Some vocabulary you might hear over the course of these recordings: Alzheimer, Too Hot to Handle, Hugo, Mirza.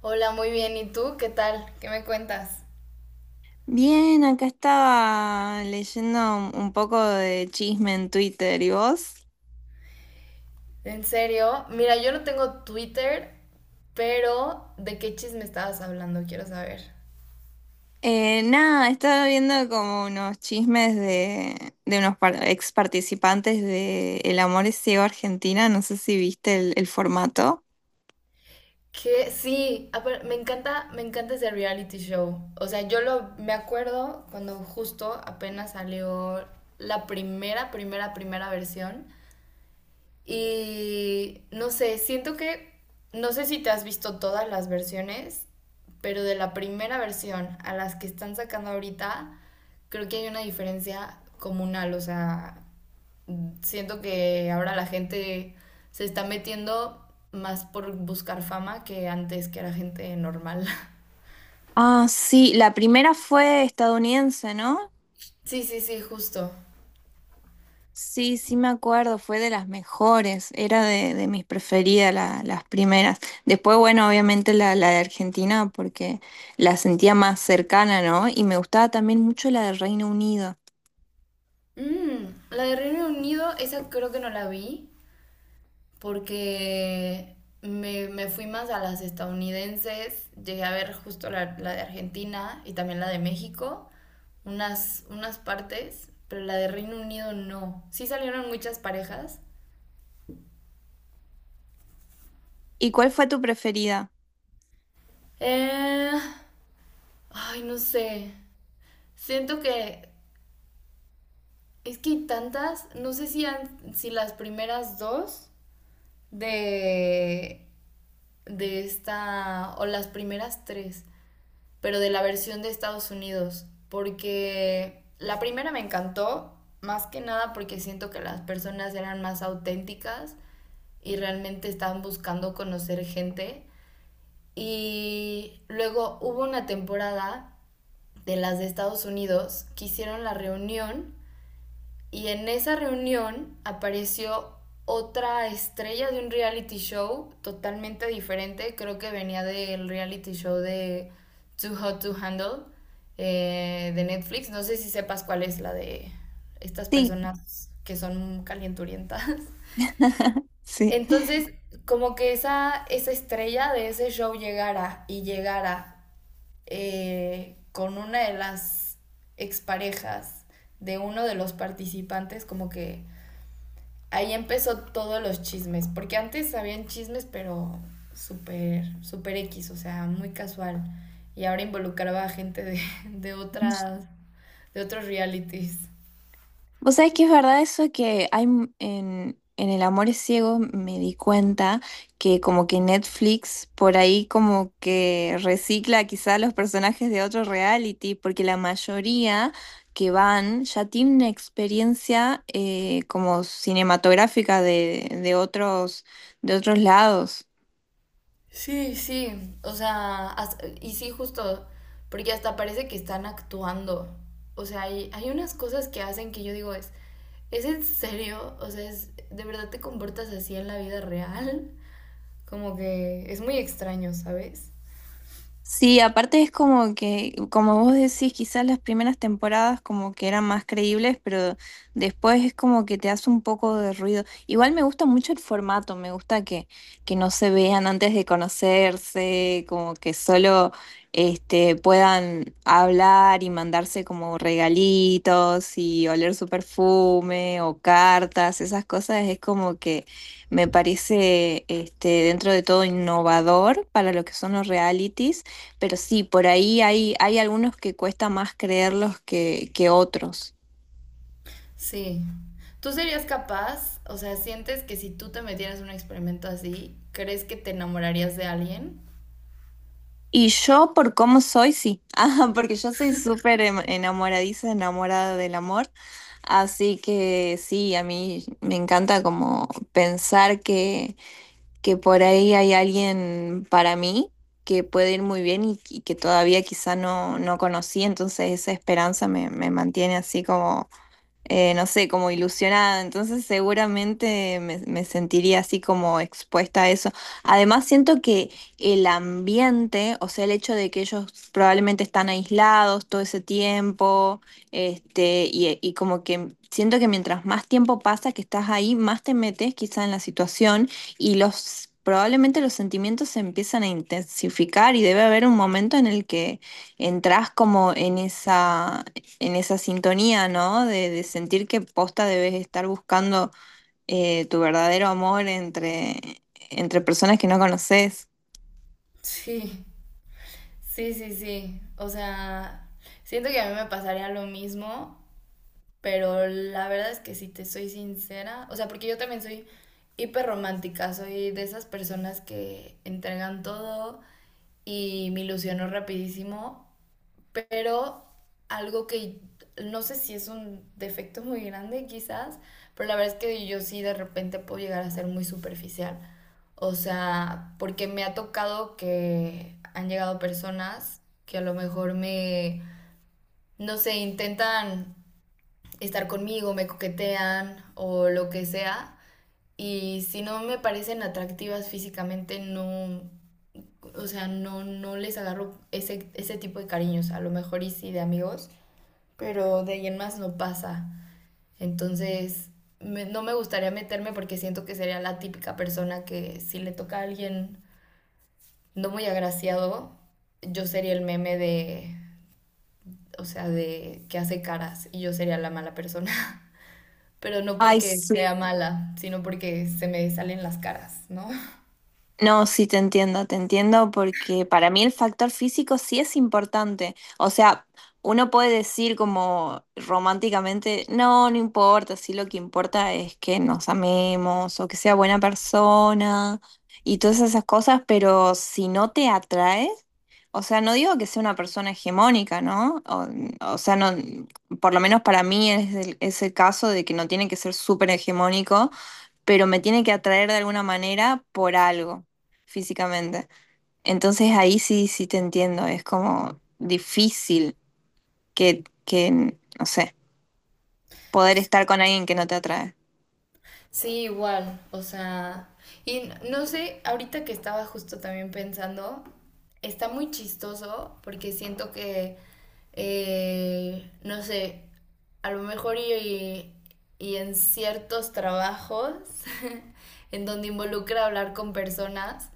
Hola, muy bien. ¿Y tú? ¿Qué tal? ¿Qué me cuentas? Bien, acá estaba leyendo un poco de chisme en Twitter, ¿y vos? ¿En serio? Mira, yo no tengo Twitter, pero ¿de qué chisme estabas hablando? Quiero saber. Nada, estaba viendo como unos chismes de unos ex participantes de El Amor es Ciego Argentina, no sé si viste el formato. Que sí, me encanta ese reality show. O sea, yo lo me acuerdo cuando justo apenas salió la primera, primera, primera versión. Y no sé, siento que, no sé si te has visto todas las versiones, pero de la primera versión a las que están sacando ahorita, creo que hay una diferencia comunal. O sea, siento que ahora la gente se está metiendo más por buscar fama que antes que era gente normal. Ah, sí, la primera fue estadounidense, ¿no? Sí, sí, sí, justo. Sí, sí me acuerdo, fue de las mejores, era de mis preferidas las primeras. Después, bueno, obviamente la de Argentina porque la sentía más cercana, ¿no? Y me gustaba también mucho la de Reino Unido. Mm, la de Reino Unido, esa creo que no la vi, porque me fui más a las estadounidenses, llegué a ver justo la de Argentina y también la de México, unas partes, pero la de Reino Unido no. Sí salieron muchas parejas. ¿Y cuál fue tu preferida? Eh, Ay, no sé. Siento que es que hay tantas, no sé si las primeras dos de, de esta, o las primeras tres, pero de la versión de Estados Unidos, porque la primera me encantó, más que nada porque siento que las personas eran más auténticas y realmente estaban buscando conocer gente. Y luego hubo una temporada de las de Estados Unidos que hicieron la reunión y en esa reunión apareció otra estrella de un reality show totalmente diferente. Creo que venía del reality show de Too Hot to Handle de Netflix. No sé si sepas cuál es la de estas Sí, personas que son calienturientas. sí. Entonces, como que esa estrella de ese show llegara y llegara con una de las exparejas de uno de los participantes, como que ahí empezó todos los chismes, porque antes habían chismes, pero súper, súper X, o sea, muy casual. Y ahora involucraba a gente de otras, de otros realities. Vos sabés que es verdad eso que hay en El Amor es Ciego, me di cuenta que como que Netflix por ahí como que recicla quizá los personajes de otro reality, porque la mayoría que van ya tienen una experiencia, como cinematográfica de otros lados. Sí, sí, o sea, y sí, justo, porque hasta parece que están actuando. O sea, hay unas cosas que hacen que yo digo, ¿es en serio? O sea, es, ¿de verdad te comportas así en la vida real? Como que es muy extraño, ¿sabes? Sí, aparte es como que, como vos decís, quizás las primeras temporadas como que eran más creíbles, pero después es como que te hace un poco de ruido. Igual me gusta mucho el formato, me gusta que no se vean antes de conocerse, como que solo, puedan hablar y mandarse como regalitos y oler su perfume o cartas, esas cosas es como que me parece, dentro de todo innovador para lo que son los realities. Pero sí, por ahí hay algunos que cuesta más creerlos que otros. Sí. ¿Tú serías capaz? O sea, ¿sientes que si tú te metieras en un experimento así, crees que te enamorarías de alguien? Y yo, por cómo soy, sí. Ah, porque yo soy súper enamoradiza, enamorada del amor. Así que sí, a mí me encanta como pensar que por ahí hay alguien para mí que puede ir muy bien y que todavía quizá no conocí. Entonces esa esperanza me mantiene así, no sé, como ilusionada, entonces seguramente me sentiría así como expuesta a eso. Además, siento que el ambiente, o sea, el hecho de que ellos probablemente están aislados todo ese tiempo, y como que siento que mientras más tiempo pasa que estás ahí, más te metes quizá en la situación. Probablemente los sentimientos se empiezan a intensificar y debe haber un momento en el que entras como en esa sintonía, ¿no? De sentir que posta debes estar buscando tu verdadero amor entre, entre personas que no conoces. Sí, sí, sí, sí. O sea, siento que a mí me pasaría lo mismo, pero la verdad es que si te soy sincera, o sea, porque yo también soy hiperromántica, soy de esas personas que entregan todo y me ilusionó rapidísimo, pero algo que no sé si es un defecto muy grande quizás, pero la verdad es que yo sí de repente puedo llegar a ser muy superficial. O sea, porque me ha tocado que han llegado personas que a lo mejor me, no sé, intentan estar conmigo, me coquetean o lo que sea. Y si no me parecen atractivas físicamente, no, o sea, no, no les agarro ese tipo de cariños, a lo mejor y sí de amigos pero de ahí en más no pasa. Entonces, no me gustaría meterme porque siento que sería la típica persona que si le toca a alguien no muy agraciado, yo sería el meme de, o sea, de que hace caras y yo sería la mala persona. Pero no Ay, porque sí. sea mala, sino porque se me salen las caras, ¿no? No, sí te entiendo porque para mí el factor físico sí es importante. O sea, uno puede decir como románticamente, no, no importa, sí lo que importa es que nos amemos o que sea buena persona y todas esas cosas, pero si no te atrae, o sea, no digo que sea una persona hegemónica, ¿no? O sea, no, por lo menos para mí es el, caso de que no tiene que ser súper hegemónico pero me tiene que atraer de alguna manera por algo físicamente. Entonces ahí sí, sí te entiendo, es como difícil que, no sé, poder estar con alguien que no te atrae. Sí, igual, o sea, y no sé, ahorita que estaba justo también pensando, está muy chistoso porque siento que, no sé, a lo mejor y en ciertos trabajos en donde involucra hablar con personas,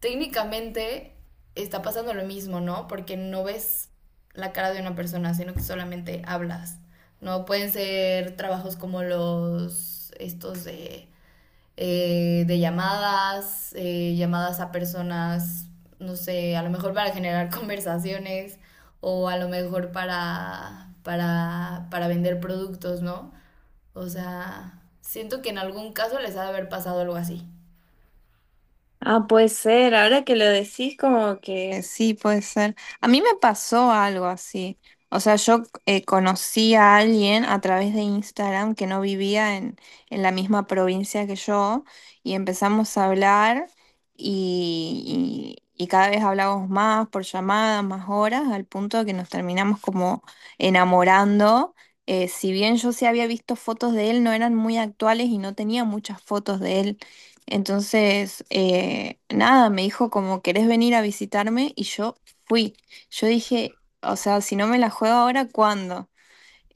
técnicamente está pasando lo mismo, ¿no? Porque no ves la cara de una persona, sino que solamente hablas. No pueden ser trabajos como los estos de llamadas, llamadas a personas, no sé, a lo mejor para generar conversaciones o a lo mejor para vender productos, ¿no? O sea, siento que en algún caso les ha de haber pasado algo así. Ah, puede ser, ahora que lo decís como que, sí, puede ser. A mí me pasó algo así. O sea, yo, conocí a alguien a través de Instagram que no vivía en la misma provincia que yo y empezamos a hablar y cada vez hablábamos más por llamadas, más horas, al punto de que nos terminamos como enamorando. Si bien yo sí había visto fotos de él, no eran muy actuales y no tenía muchas fotos de él. Entonces, nada, me dijo como, ¿querés venir a visitarme? Y yo fui. Yo dije, o sea, si no me la juego ahora, ¿cuándo?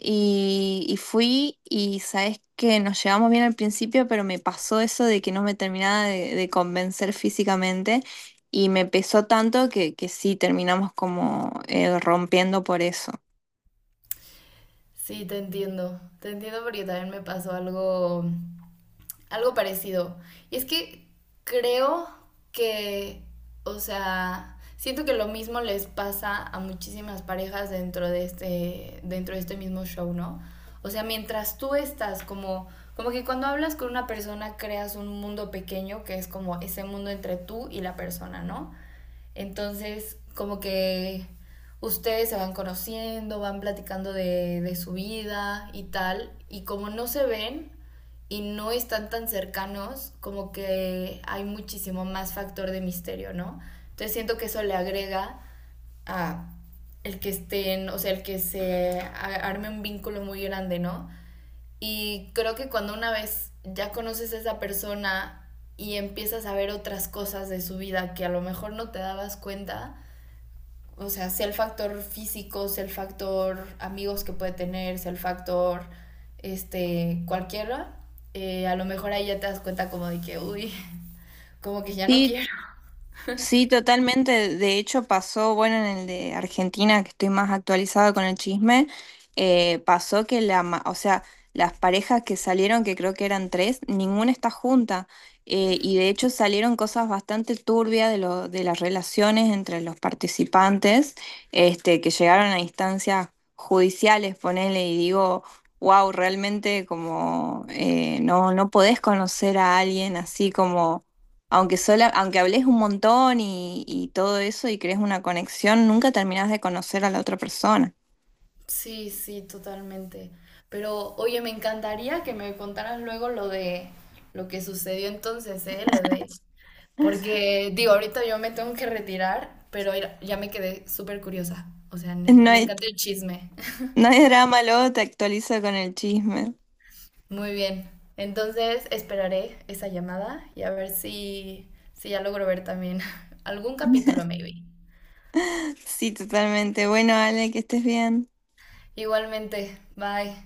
Y fui y sabes que nos llevamos bien al principio, pero me pasó eso de que no me terminaba de convencer físicamente y me pesó tanto que sí terminamos como, rompiendo por eso. Sí, te entiendo. Te entiendo porque también me pasó algo parecido. Y es que creo que, o sea, siento que lo mismo les pasa a muchísimas parejas dentro de este mismo show, ¿no? O sea, mientras tú estás como que cuando hablas con una persona creas un mundo pequeño que es como ese mundo entre tú y la persona, ¿no? Entonces, como que ustedes se van conociendo, van platicando de su vida y tal, y como no se ven y no están tan cercanos, como que hay muchísimo más factor de misterio, ¿no? Entonces siento que eso le agrega a el que estén, o sea, el que se arme un vínculo muy grande, ¿no? Y creo que cuando una vez ya conoces a esa persona y empiezas a ver otras cosas de su vida que a lo mejor no te dabas cuenta, o sea, sea el factor físico, sea el factor amigos que puede tener, sea el factor este, cualquiera, a lo mejor ahí ya te das cuenta como de que, uy, como que ya no Sí, quiero. sí, totalmente. De hecho, pasó, bueno, en el de Argentina, que estoy más actualizada con el chisme, pasó que o sea, las parejas que salieron, que creo que eran tres, ninguna está junta. Y de hecho salieron cosas bastante turbias de las relaciones entre los participantes, que llegaron a instancias judiciales, ponele, y digo, wow, realmente como, no, no podés conocer a alguien así como, aunque hables un montón y todo eso y crees una conexión, nunca terminás de conocer a la otra persona. Sí, sí, totalmente. Pero, oye, me encantaría que me contaras luego lo de lo que sucedió entonces, ¿eh? Lo de. Porque, digo, ahorita yo me tengo que retirar, pero ya me quedé súper curiosa. O sea, No me hay, encanta el chisme. no hay drama, luego te actualizo con el chisme. Muy bien. Entonces esperaré esa llamada y a ver si ya logro ver también algún capítulo, maybe. Sí, totalmente. Bueno, Ale, que estés bien. Igualmente, bye.